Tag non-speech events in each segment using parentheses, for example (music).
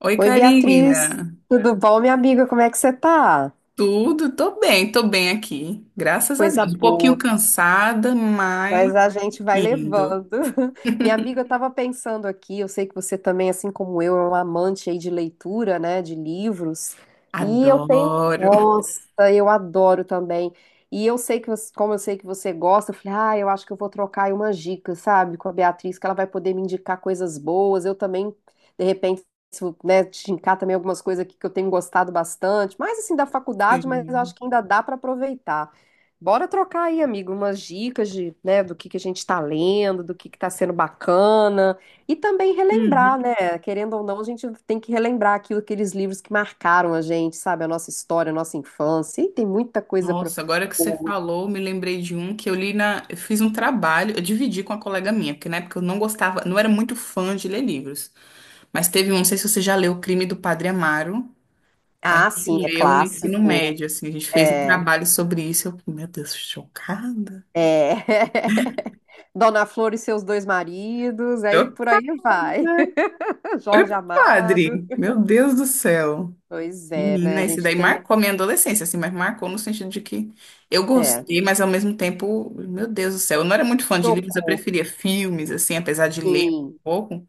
Oi, Oi, Beatriz, Karina. tudo bom, minha amiga? Como é que você tá? Tudo? Tô bem, aqui, graças a Coisa Deus. Um pouquinho boa. cansada, mas Mas a gente vai indo. levando. (laughs) Minha amiga, eu estava pensando aqui, eu sei que você também, assim como eu, é um amante aí de leitura, né, de livros. E eu tenho, Adoro. nossa, eu adoro também. E eu sei que, como eu sei que você gosta, eu falei, ah, eu acho que eu vou trocar aí umas dicas, sabe, com a Beatriz, que ela vai poder me indicar coisas boas. Eu também, de repente, se eu, né, te indicar também algumas coisas aqui que eu tenho gostado bastante, mais assim da faculdade, mas eu acho Sim. que ainda dá para aproveitar. Bora trocar aí, amigo, umas dicas de, né, do que a gente está lendo, do que está sendo bacana, e também Uhum. relembrar, né? Querendo ou não, a gente tem que relembrar aquilo, aqueles livros que marcaram a gente, sabe? A nossa história, a nossa infância, e tem muita coisa para. Nossa, agora que você falou, me lembrei de um que eu li na. Eu fiz um trabalho, eu dividi com uma colega minha, porque na época eu não gostava, não era muito fã de ler livros. Mas teve um, não sei se você já leu O Crime do Padre Amaro. A Ah, gente sim, é leu no ensino clássico. médio, assim, a gente fez um É, trabalho sobre isso. Eu fiquei, meu Deus, chocada. é. (laughs) Dona Flor e seus dois maridos, aí por aí vai. (laughs) Olha Jorge pro Amado. padre. Meu Deus do céu. Pois é, né? Menina, A esse gente daí tem. marcou minha adolescência, assim, mas marcou no sentido de que eu É. gostei, mas ao mesmo tempo, meu Deus do céu, eu não era muito fã de livros, eu Chocou, preferia filmes, assim, apesar de ler um sim. pouco,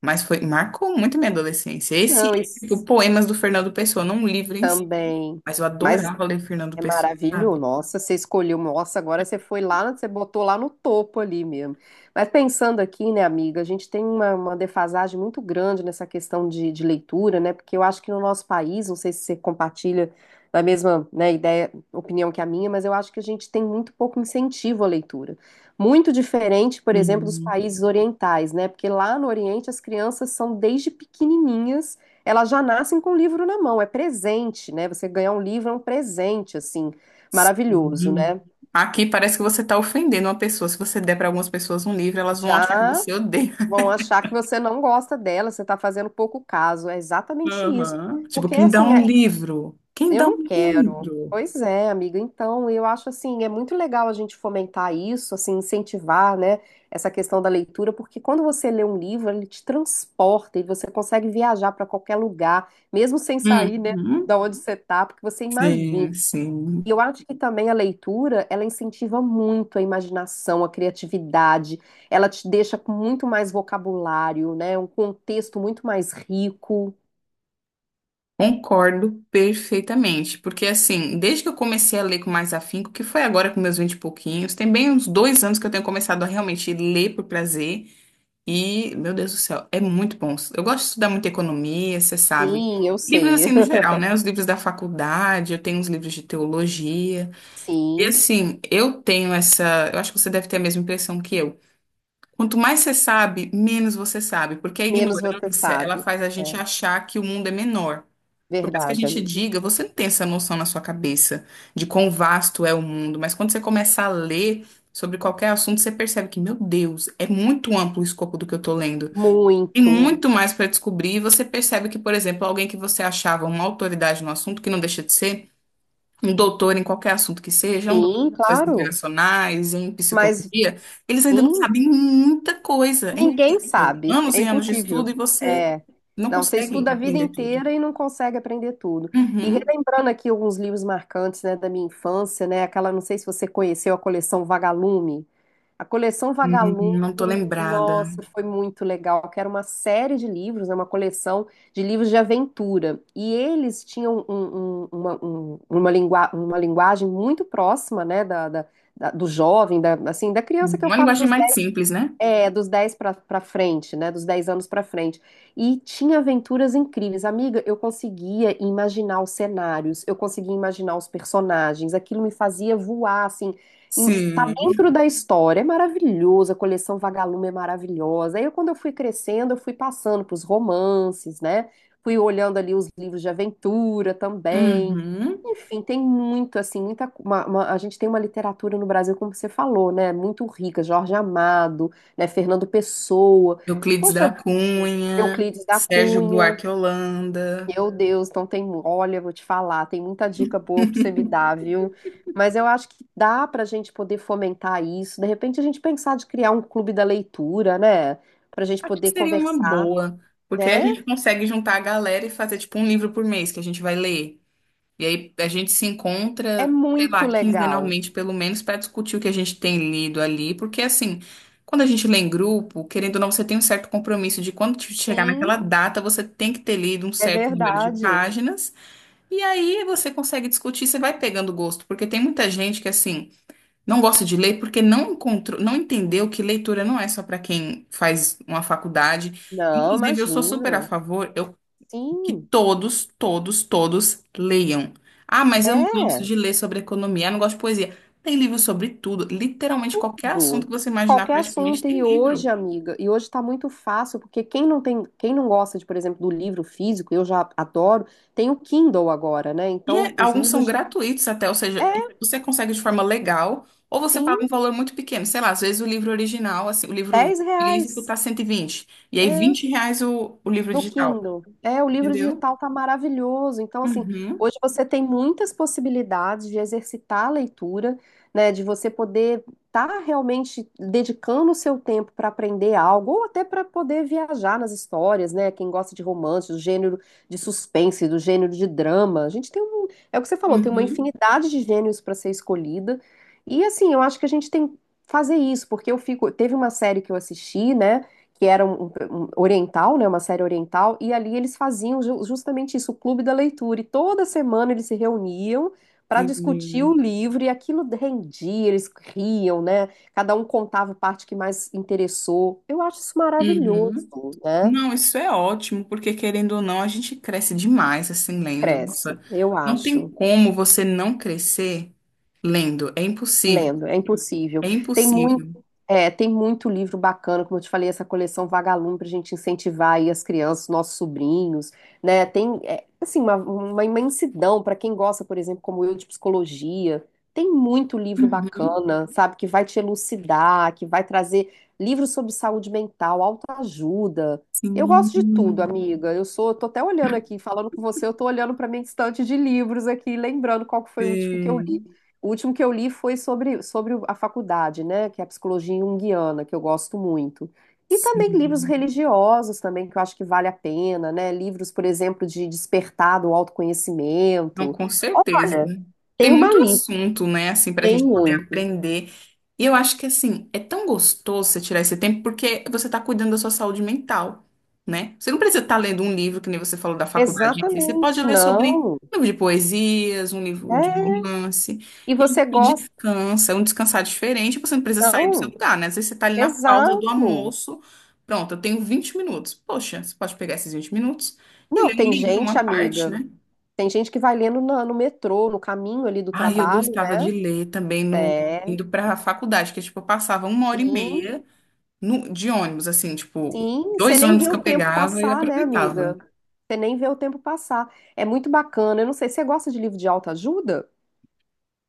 mas foi, marcou muito minha adolescência. Esse, Não, tipo, isso. poemas do Fernando Pessoa, não um livro em si, Também. mas eu Mas adorava ler Fernando é Pessoa, maravilhoso. sabe? Nossa, você escolheu. Nossa, agora você foi lá, você botou lá no topo ali mesmo. Mas pensando aqui, né, amiga, a gente tem uma defasagem muito grande nessa questão de leitura, né? Porque eu acho que no nosso país, não sei se você compartilha da mesma, né, ideia, opinião que a minha, mas eu acho que a gente tem muito pouco incentivo à leitura. Muito diferente, por exemplo, dos Hum, países orientais, né? Porque lá no Oriente as crianças são desde pequenininhas elas já nascem com o livro na mão, é presente, né? Você ganhar um livro é um presente, assim, maravilhoso, sim. né? Aqui parece que você está ofendendo uma pessoa. Se você der para algumas pessoas um livro, elas vão achar que Já você odeia. vão achar que você não gosta dela, você está fazendo pouco caso, é exatamente isso. Aham. Tipo, Porque, quem dá assim, um é- livro? Quem eu dá não um quero. livro? Pois é, amiga, então eu acho, assim, é muito legal a gente fomentar isso, assim, incentivar, né, essa questão da leitura, porque quando você lê um livro, ele te transporta e você consegue viajar para qualquer lugar, mesmo sem sair, né, Uhum. da onde você tá, porque você imagina. Sim, sim. E eu acho que também a leitura, ela incentiva muito a imaginação, a criatividade, ela te deixa com muito mais vocabulário, né? Um contexto muito mais rico. Concordo perfeitamente, porque assim, desde que eu comecei a ler com mais afinco, que foi agora com meus vinte e pouquinhos, tem bem uns 2 anos que eu tenho começado a realmente ler por prazer, e, meu Deus do céu, é muito bom. Eu gosto de estudar muito economia, você sabe. Sim, eu Livros assim sei. no (laughs) geral, né? Os livros da faculdade, eu tenho uns livros de teologia. E Sim, assim, eu tenho essa. Eu acho que você deve ter a mesma impressão que eu. Quanto mais você sabe, menos você sabe, porque a menos você ignorância, ela sabe. faz a É gente achar que o mundo é menor. Por mais que a verdade, gente amigo. diga, você não tem essa noção na sua cabeça de quão vasto é o mundo, mas quando você começa a ler sobre qualquer assunto, você percebe que, meu Deus, é muito amplo o escopo do que eu tô lendo. Tem Muito. muito mais para descobrir, e você percebe que, por exemplo, alguém que você achava uma autoridade no assunto, que não deixa de ser, um doutor em qualquer assunto que seja, um doutor em Sim, relações claro. internacionais, em Mas psicologia, eles ainda não sim, sabem muita coisa. É ninguém incrível. sabe, Anos é e anos de impossível. estudo e você É. não Não, você consegue estuda a vida aprender tudo. inteira e não consegue aprender tudo. E Uhum. relembrando aqui alguns livros marcantes, né, da minha infância, né, aquela, não sei se você conheceu a coleção Vagalume. A coleção não tô Vagalume, lembrada. nossa, foi muito legal, que era uma série de livros, né, uma coleção de livros de aventura. E eles tinham uma linguagem muito próxima, né, do jovem, da, assim, da criança Uhum. que eu Uma falo linguagem dos mais simples, né? é, dos 10 pra para frente, né? Dos 10 anos pra frente. E tinha aventuras incríveis. Amiga, eu conseguia imaginar os cenários, eu conseguia imaginar os personagens, aquilo me fazia voar, assim. Em- tá Sim. dentro da história, é maravilhoso, a coleção Vagalume é maravilhosa. Aí, quando eu fui crescendo, eu fui passando pros romances, né? Fui olhando ali os livros de aventura também. Uhum. Enfim, tem muito, assim, muita. Co- uma- a gente tem uma literatura no Brasil, como você falou, né? Muito rica, Jorge Amado, né? Fernando Pessoa. Euclides Poxa da vida, Cunha, Euclides da Sérgio Cunha. Buarque Holanda. Meu Deus, então tem, olha, vou te falar, tem muita dica boa para você me dar, viu? Mas eu acho que dá para a gente poder fomentar isso. De repente a gente pensar de criar um clube da leitura, né? Para a gente Acho que poder seria uma conversar, boa, porque aí a né? gente consegue juntar a galera e fazer tipo um livro por mês que a gente vai ler. E aí a gente se É encontra, sei lá, muito legal. quinzenalmente pelo menos, para discutir o que a gente tem lido ali, porque assim, quando a gente lê em grupo, querendo ou não, você tem um certo compromisso de quando chegar naquela Sim, data, você tem que ter lido um é certo número de verdade. páginas, e aí você consegue discutir, você vai pegando gosto, porque tem muita gente que assim, não gosta de ler porque não encontrou, não entendeu que leitura não é só para quem faz uma faculdade. Não, Inclusive, eu sou super a imagina. favor que Sim, todos, todos, todos leiam. Ah, mas eu não gosto é. de ler sobre economia, eu não gosto de poesia. Tem livro sobre tudo, literalmente qualquer assunto Tudo. que você imaginar, Qualquer praticamente assunto. tem E hoje, livro. amiga, e hoje está muito fácil, porque quem não tem, quem não gosta de, por exemplo, do livro físico, eu já adoro, tem o Kindle agora, né? Então, os Alguns são livros de. gratuitos até, ou seja, e É, você consegue de forma legal, ou você paga um sim, valor muito pequeno. Sei lá, às vezes o livro original, assim, o livro 10 físico reais. tá 120 e aí É. 20 reais o livro No digital, Kindle. É, o livro entendeu? digital tá maravilhoso. Então, assim, Uhum, hoje você tem muitas possibilidades de exercitar a leitura, né? De você poder estar realmente dedicando o seu tempo para aprender algo, ou até para poder viajar nas histórias, né? Quem gosta de romance, do gênero de suspense, do gênero de drama. A gente tem um. É o que você falou, tem uma uhum, infinidade de gêneros para ser escolhida. E assim, eu acho que a gente tem que fazer isso, porque eu fico. Teve uma série que eu assisti, né? Que era um oriental, né, uma série oriental, e ali eles faziam justamente isso, o clube da leitura, e toda semana eles se reuniam para discutir o sim, livro, e aquilo rendia, eles riam, né? Cada um contava a parte que mais interessou. Eu acho isso maravilhoso, uhum. né? Não, isso é ótimo, porque querendo ou não, a gente cresce demais assim lendo. Nossa, Cresce, eu não tem acho. como você não crescer lendo. É impossível. Lendo, é impossível. É Tem muito, impossível. tem muito livro bacana, como eu te falei, essa coleção Vagalume para a gente incentivar aí as crianças, nossos sobrinhos, né? Tem, é, assim, uma imensidão para quem gosta, por exemplo, como eu, de psicologia. Tem muito livro Uhum. bacana, sabe, que vai te elucidar, que vai trazer livros sobre saúde mental, autoajuda. Eu Sim, gosto de tudo, amiga. Eu sou, tô até olhando aqui, falando com você, eu tô olhando para minha estante de livros aqui, lembrando qual que foi o último que eu li. sim. O último que eu li foi sobre, sobre a faculdade, né, que é a psicologia junguiana, que eu gosto muito. E também livros religiosos também, que eu acho que vale a pena, né, livros, por exemplo, de despertar do Não, autoconhecimento. com certeza. Olha, Tem tem uma muito lista, assunto, né, assim, para a tem gente poder muito. aprender. E eu acho que, assim, é tão gostoso você tirar esse tempo porque você está cuidando da sua saúde mental, né? Você não precisa estar lendo um livro, que nem você falou, da faculdade em si. Você pode Exatamente, ler sobre não. um livro de poesias, um livro de É. romance. E E você você gosta? descansa, é um descansar diferente. Você não precisa sair do seu Não, lugar, né? Às vezes você está ali na pausa do exato. almoço. Pronto, eu tenho 20 minutos. Poxa, você pode pegar esses 20 minutos e Não, ler um tem livro, gente, uma parte, amiga, né? tem gente que vai lendo no metrô, no caminho ali do Ah, eu trabalho, gostava de ler também no né? É, indo para a faculdade, que tipo, eu passava uma hora e sim. meia no, de ônibus, assim, tipo, Sim, você dois nem ônibus vê que o eu tempo pegava e passar, né, aproveitava. amiga? Você nem vê o tempo passar. É muito bacana. Eu não sei, você gosta de livro de autoajuda?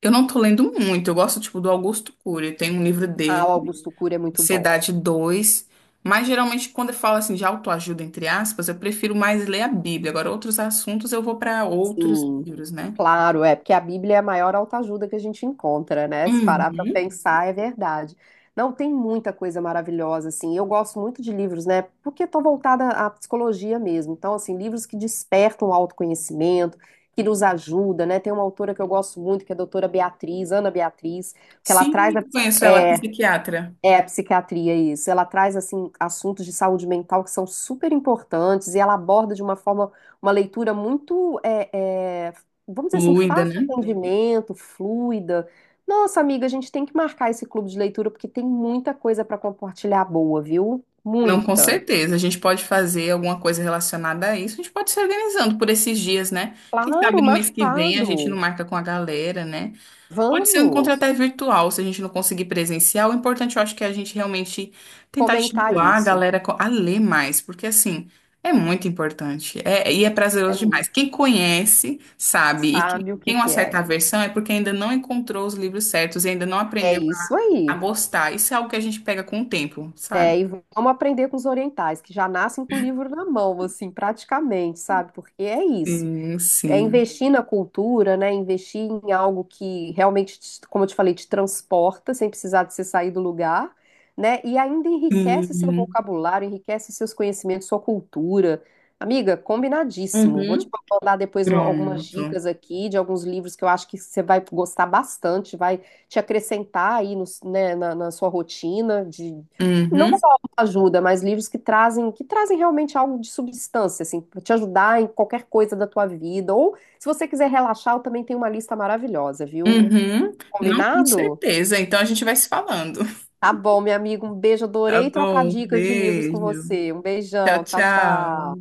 Eu não tô lendo muito, eu gosto, tipo, do Augusto Cury, tem um livro Ah, dele, o Augusto Cury é muito bom. Ansiedade 2. Mas geralmente quando eu falo, assim, de autoajuda, entre aspas, eu prefiro mais ler a Bíblia. Agora, outros assuntos eu vou para outros Sim, livros, né? claro, é porque a Bíblia é a maior autoajuda que a gente encontra, né? Se parar para Uhum. pensar, é verdade. Não, tem muita coisa maravilhosa, assim. Eu gosto muito de livros, né? Porque estou voltada à psicologia mesmo. Então, assim, livros que despertam o autoconhecimento, que nos ajuda, né? Tem uma autora que eu gosto muito, que é a doutora Beatriz, Ana Beatriz, que ela Sim, traz conheço ela, é é, psiquiatra. a psiquiatria, isso. Ela traz, assim, assuntos de saúde mental que são super importantes e ela aborda de uma forma, uma leitura muito, vamos dizer assim, Fluida, fácil né? de entendimento, fluida. Nossa, amiga, a gente tem que marcar esse clube de leitura porque tem muita coisa para compartilhar boa, viu? Não, com Muita. certeza. A gente pode fazer alguma coisa relacionada a isso. A gente pode se organizando por esses dias, né? Quem sabe Claro, no mês que vem a gente não marcado. marca com a galera, né? Pode ser um encontro Vamos até virtual, se a gente não conseguir presencial. O importante, eu acho que é a gente realmente tentar comentar estimular a isso. galera a ler mais, porque assim, é muito importante. É, e é É prazeroso muito. demais. Quem conhece, sabe, e quem Sabe o que tem uma que é? certa aversão é porque ainda não encontrou os livros certos e ainda não É aprendeu isso a aí. gostar. Isso é algo que a gente pega com o tempo, sabe? É. E vamos aprender com os orientais, que já nascem com o livro na mão, assim, praticamente, sabe? Porque é isso. Sim, É sim. investir na cultura, né? Investir em algo que realmente, como eu te falei, te transporta, sem precisar de você sair do lugar, né? E ainda enriquece seu Sim. vocabulário, enriquece seus conhecimentos, sua cultura. Amiga, combinadíssimo. Vou te Uhum. mandar depois algumas Pronto. dicas aqui de alguns livros que eu acho que você vai gostar bastante, vai te acrescentar aí né, na sua rotina de não Uhum, ajuda, mas livros que trazem realmente algo de substância, assim, para te ajudar em qualquer coisa da tua vida. Ou se você quiser relaxar, eu também tenho uma lista maravilhosa, viu? uhum. Não, com Combinado? certeza. Então a gente vai se falando. Tá bom, meu amigo, um beijo, Tá adorei trocar bom, dicas de livros com beijo. você. Um Tchau, beijão, tchau, tchau. tchau.